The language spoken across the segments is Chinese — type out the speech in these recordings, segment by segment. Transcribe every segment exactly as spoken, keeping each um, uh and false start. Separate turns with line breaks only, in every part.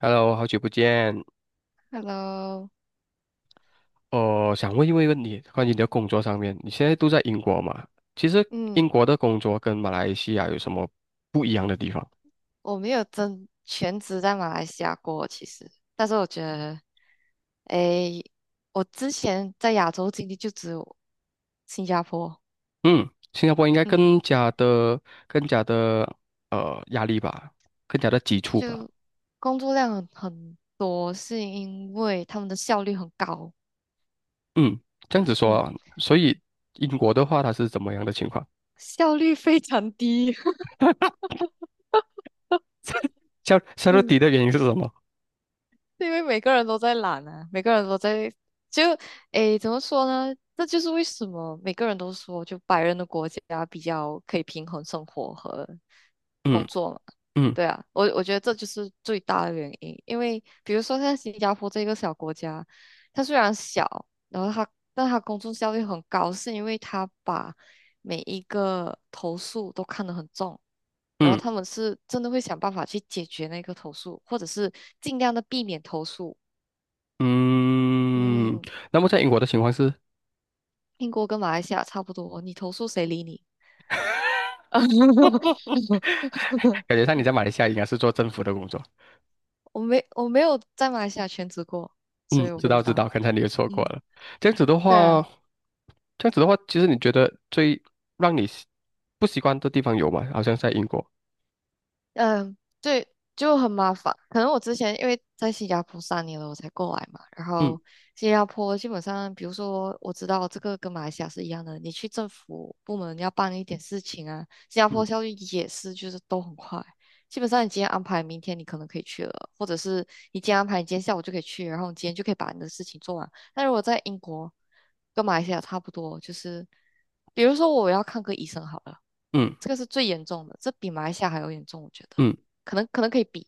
Hello，好久不见。
Hello，
我想问一问问你，关于你的工作上面，你现在都在英国嘛？其实英
嗯，
国的工作跟马来西亚有什么不一样的地方？
我没有真全职在马来西亚过，其实，但是我觉得，诶，我之前在亚洲经历就只有新加坡。
嗯，新加坡应该
嗯，
更加的、更加的呃压力吧，更加的急促吧。
就工作量很很多，是因为他们的效率很高。
嗯，这样子说
嗯，
啊。所以英国的话，它是怎么样的情况？
效率非常低。
夏夏到底 的原因是什么？
因为每个人都在懒啊，每个人都在就诶，怎么说呢？这就是为什么每个人都说，就白人的国家比较可以平衡生活和工
嗯
作嘛。
嗯
对啊，我我觉得这就是最大的原因。因为比如说像新加坡这个小国家，它虽然小。然后他，但他工作效率很高，是因为他把每一个投诉都看得很重。然后
嗯
他们是真的会想办法去解决那个投诉，或者是尽量的避免投诉。
嗯。
嗯，
那么在英国的情况是，
英国跟马来西亚差不多，你投诉谁理你？
感觉上你在马来西亚应该是做政府的工作。
我没我没有在马来西亚全职过，所
嗯，
以我
知
不知
道知
道。
道，刚才你也说过
嗯，
了。这样子的
对
话，
啊。
这样子的话，其实你觉得最让你习不习惯的地方有吗？好像在英国。
嗯，对，就很麻烦。可能我之前因为在新加坡三年了，我才过来嘛。然
嗯
后新加坡基本上，比如说我知道这个跟马来西亚是一样的，你去政府部门要办一点事情啊，新加坡
嗯
效率也是，就是都很快。基本上你今天安排，明天你可能可以去了，或者是你今天安排，你今天下午就可以去，然后你今天就可以把你的事情做完。但如果在英国跟马来西亚差不多，就是比如说我要看个医生好了。
嗯
这个是最严重的，这比马来西亚还要严重，我觉得，
嗯
可能可能可以比，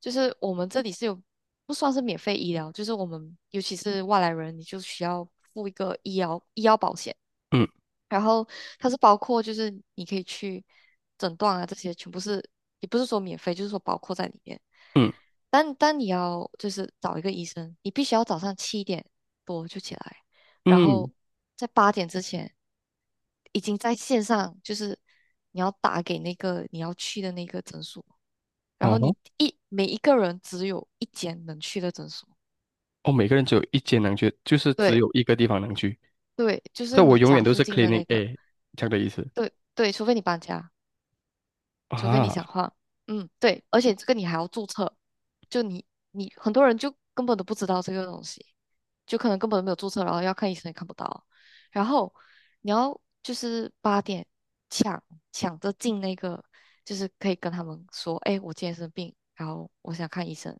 就是我们这里是有不算是免费医疗，就是我们尤其是外来人，你就需要付一个医疗医疗保险。
嗯
然后它是包括就是你可以去诊断啊，这些全部是也不是说免费，就是说包括在里面。
嗯
但但你要就是找一个医生，你必须要早上七点多就起来，然
嗯，
后在八点之前已经在线上，就是你要打给那个你要去的那个诊所，然
哦
后
吼。
你一每一个人只有一间能去的诊所。
哦，每个人只有一间能去，就是只
对
有一个地方能去。
对，就
这
是
我
你
永
家
远都
附
是
近
c l e a
的
n i n
那
g
个。
A 这样的意思
对对，除非你搬家。除非你想
啊。
换。嗯，对，而且这个你还要注册，就你你很多人就根本都不知道这个东西，就可能根本都没有注册，然后要看医生也看不到。然后你要就是八点抢抢着进那个，就是可以跟他们说，哎，我今天生病，然后我想看医生。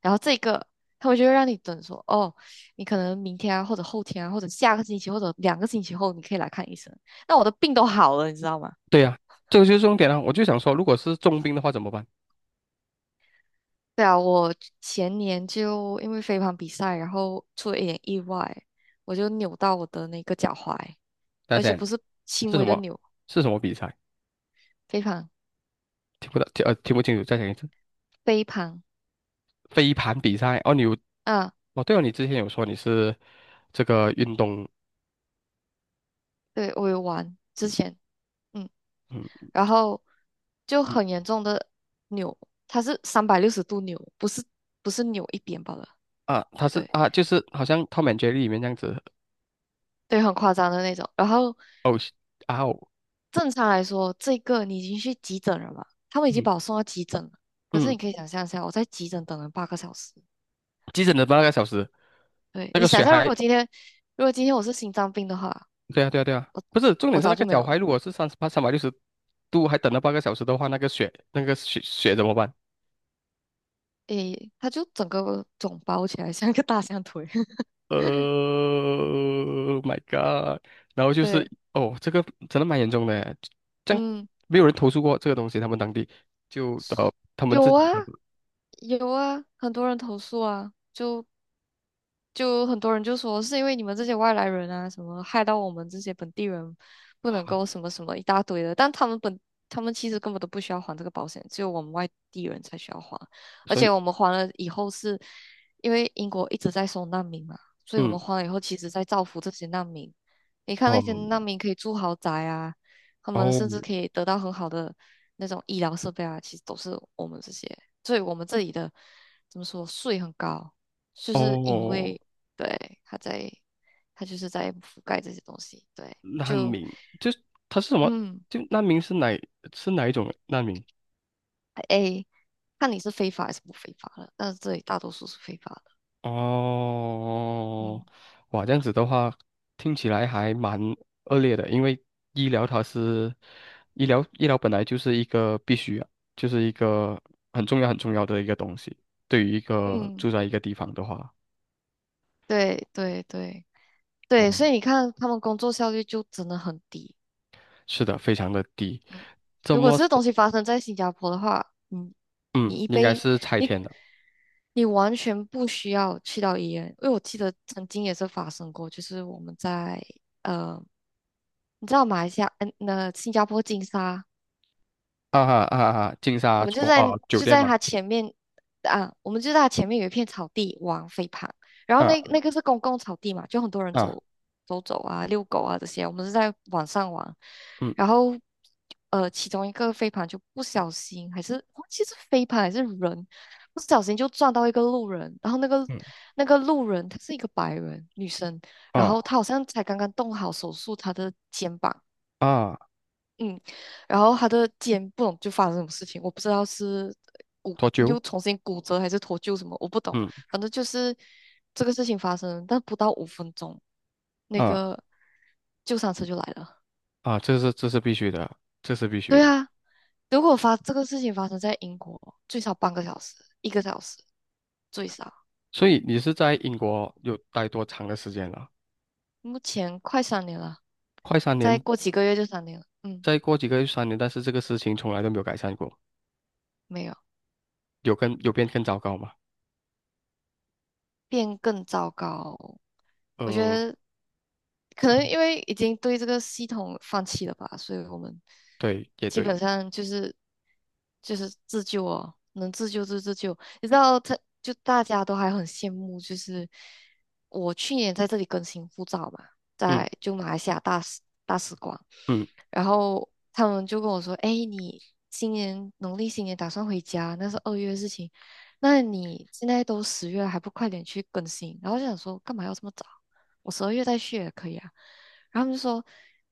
然后这个他们就会让你等说，哦，你可能明天啊，或者后天啊，或者下个星期，或者两个星期后，你可以来看医生。那我的病都好了，你知道吗？
对呀、这个就是重点啊。我就想说，如果是重病的话怎么办？
对啊，我前年就因为飞盘比赛，然后出了一点意外。我就扭到我的那个脚踝，
大
而且
家
不是轻
是什
微的
么。
扭。
是什么比赛？
飞盘，
听不到，听呃听不清楚，再讲一次。
飞盘
飞盘比赛哦，你有。
啊。
哦，对哦，你之前有说你是这个运动，
对，我有玩之前。嗯，
嗯
然后就
嗯。
很严重的扭，它是三百六十度扭，不是不是扭一边罢了。
啊，他是
对
啊，就是好像《Tom and Jerry》里面这样子，
对，很夸张的那种。然后
哦是啊哦，
正常来说，这个你已经去急诊了嘛，他们已经
嗯
把我送到急诊了。可是
嗯，
你可以想象一下，我在急诊等了八个小时。
急诊的八个小时，
对，
那
你
个
想
血
象，如
还，
果今天，如果今天我是心脏病的话，
对啊对啊对啊，不是，重点
我
是那
早
个
就没有
脚
了。
踝如果是三十八三百六十度还等了八个小时的话，那个血那个血血怎么办？
诶，他就整个肿包起来，像一个大象腿。
呃，My God，然后就是
对，
哦，这个真的蛮严重的这样。
嗯，
没有人投诉过这个东西，他们当地就呃他们自
有
己
啊，
的，
有啊，很多人投诉啊，就就很多人就说是因为你们这些外来人啊，什么害到我们这些本地人不能够什么什么一大堆的，但他们本他们其实根本都不需要还这个保险，只有我们外地人才需要还，而
所
且我
以。
们还了以后是，因为英国一直在收难民嘛，所以我
嗯。
们还了以后，其实在造福这些难民。你看那些难
哦
民可以住豪宅啊，他们
哦
甚至可以得到很好的那种医疗设备啊，其实都是我们这些，所以我们这里的怎么说税很高。就是因
哦，
为对，他在，他就是在覆盖这些东西。对，
难
就，
民，就是他是什么？
嗯，
就难民是哪是哪一种难民？
哎，看你是非法还是不非法了。但是这里大多数是非法的。
哦，
嗯
哇，这样子的话，听起来还蛮恶劣的，因为医疗它是医疗医疗本来就是一个必须啊，就是一个很重要很重要的一个东西。对于一个
嗯，
住在一个地方的话，
对对对对，所
嗯，
以你看他们工作效率就真的很低。
是的，非常的低。
嗯，
这
如果
么说，
这东西发生在新加坡的话，嗯，
嗯，
你一
应该
杯
是拆
你
迁的。
你完全不需要去到医院，因为我记得曾经也是发生过，就是我们在。呃你知道马来西亚，嗯，那新加坡金沙，
啊哈啊哈，金
我
沙
们就
国啊
在
酒
就
店
在
嘛，
它前面啊，我们就在它前面有一片草地玩飞盘。然后那
啊
那个是公共草地嘛，就很多人
啊
走走走啊、遛狗啊这些，我们是在晚上玩。然
嗯
后呃，其中一个飞盘就不小心还是忘记是飞盘还是人，不小心就撞到一个路人。然后那个
嗯
那个路人她是一个白人女生，然后
啊
她好像才刚刚动好手术她的肩膀。
啊
嗯，然后他的肩不懂就发生什么事情，我不知道是骨
多久？
又重新骨折还是脱臼什么，我不懂。
嗯
反正就是这个事情发生，但不到五分钟，那
啊
个救伤车就来了。
啊，这是这是必须的，这是必须
对
的。
啊，如果发这个事情发生在英国，最少半个小时，一个小时最少。
所以你是在英国有待多长的时间了？
目前快三年了，
快三
再
年，
过几个月就三年了。嗯，
再过几个月三年，但是这个事情从来都没有改善过，
没有
有跟有变更糟糕吗？
变更糟糕。我觉
呃，
得可能因为已经对这个系统放弃了吧，所以我们
对，也
基本
对，
上就是就是自救哦，能自救就自救。你知道他，就大家都还很羡慕，就是我去年在这里更新护照嘛，
嗯
在就马来西亚大使大使馆，
嗯。
然后他们就跟我说：“哎，你今年农历新年打算回家？那是二月的事情，那你现在都十月了，还不快点去更新？”然后我就想说，干嘛要这么早？我十二月再去也可以啊。然后他们就说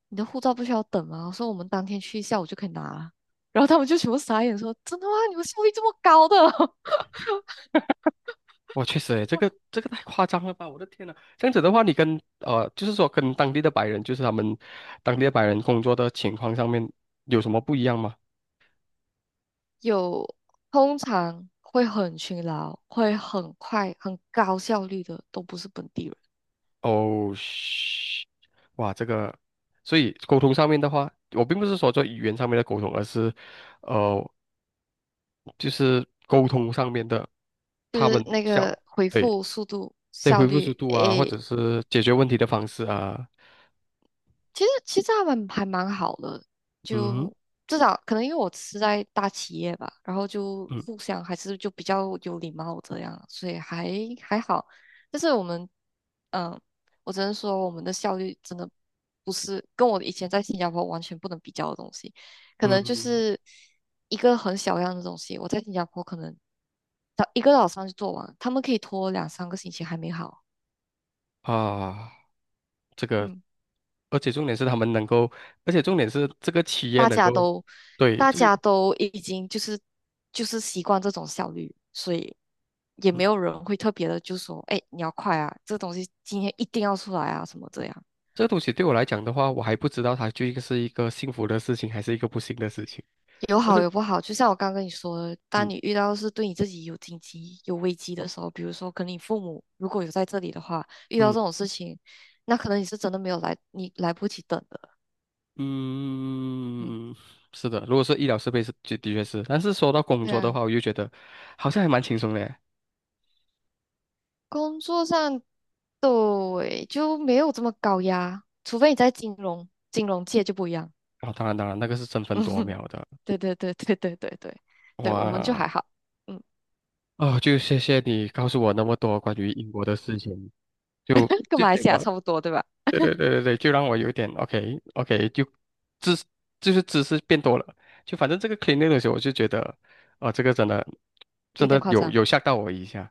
你的护照不需要等吗？我说我们当天去下午就可以拿了。然后他们就全部傻眼说，真的吗？你们效率这么高的？
我确实诶，这个这个太夸张了吧！我的天呐，这样子的话，你跟呃，就是说跟当地的白人，就是他们当地的白人工作的情况上面有什么不一样吗？
有通常会很勤劳、会很快、很高效率的，都不是本地人。
哦，嘘。哇，这个，所以沟通上面的话，我并不是说做语言上面的沟通，而是呃，就是沟通上面的，
就
他
是
们
那
像
个回
对。
复速度
对
效
回复
率，
速度啊，或
诶，
者是解决问题的方式啊，
其实其实他们还蛮好的，
嗯
就至少可能因为我是在大企业吧，然后就
嗯
互相还是就比较有礼貌这样，所以还还好。但是我们，嗯，我只能说我们的效率真的不是跟我以前在新加坡完全不能比较的东西。可能就
嗯
是一个很小样的东西，我在新加坡可能早一个早上就做完，他们可以拖两三个星期还没好。
啊。这个，
嗯。
而且重点是他们能够，而且重点是这个企业
大
能
家
够，
都
对，
大
这个，
家都已经就是就是习惯这种效率，所以也
嗯，
没有人会特别的就说，哎，你要快啊，这东西今天一定要出来啊，什么这样。
这个东西对我来讲的话，我还不知道它究竟是一个幸福的事情还是一个不幸的事情。
有
但
好
是，
有不好，就像我刚跟你说的，当
嗯
你遇到是对你自己有紧急、有危机的时候，比如说可能你父母如果有在这里的话，遇到
嗯
这种事情，那可能你是真的没有来，你来不及等的。嗯，
嗯，是的，如果是医疗设备是，就的确是。但是说到工
对
作的
啊。
话，我又觉得好像还蛮轻松的耶。
工作上，对，就没有这么高压，除非你在金融金融界就不一样。
啊、当然当然，那个是争分
嗯
夺
哼，
秒的。
对对对对对对对，对我们就
哇，
还好。嗯，
哦，就谢谢你告诉我那么多关于英国的事情。就
跟
这
马来
点，
西亚差不多，对吧？
对对对对对，就让我有点 OK OK，就知就是知识变多了，就反正这个 cleaning 的时候，我就觉得，哦、这个真的
有
真
点
的
夸
有
张，
有吓到我一下。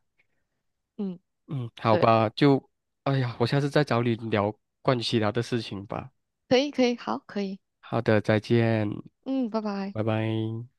嗯，
嗯，好
对，
吧，就哎呀，我下次再找你聊关于其他的事情吧。
可以可以，好，可以，
好的，再见，
嗯，拜拜。
拜拜。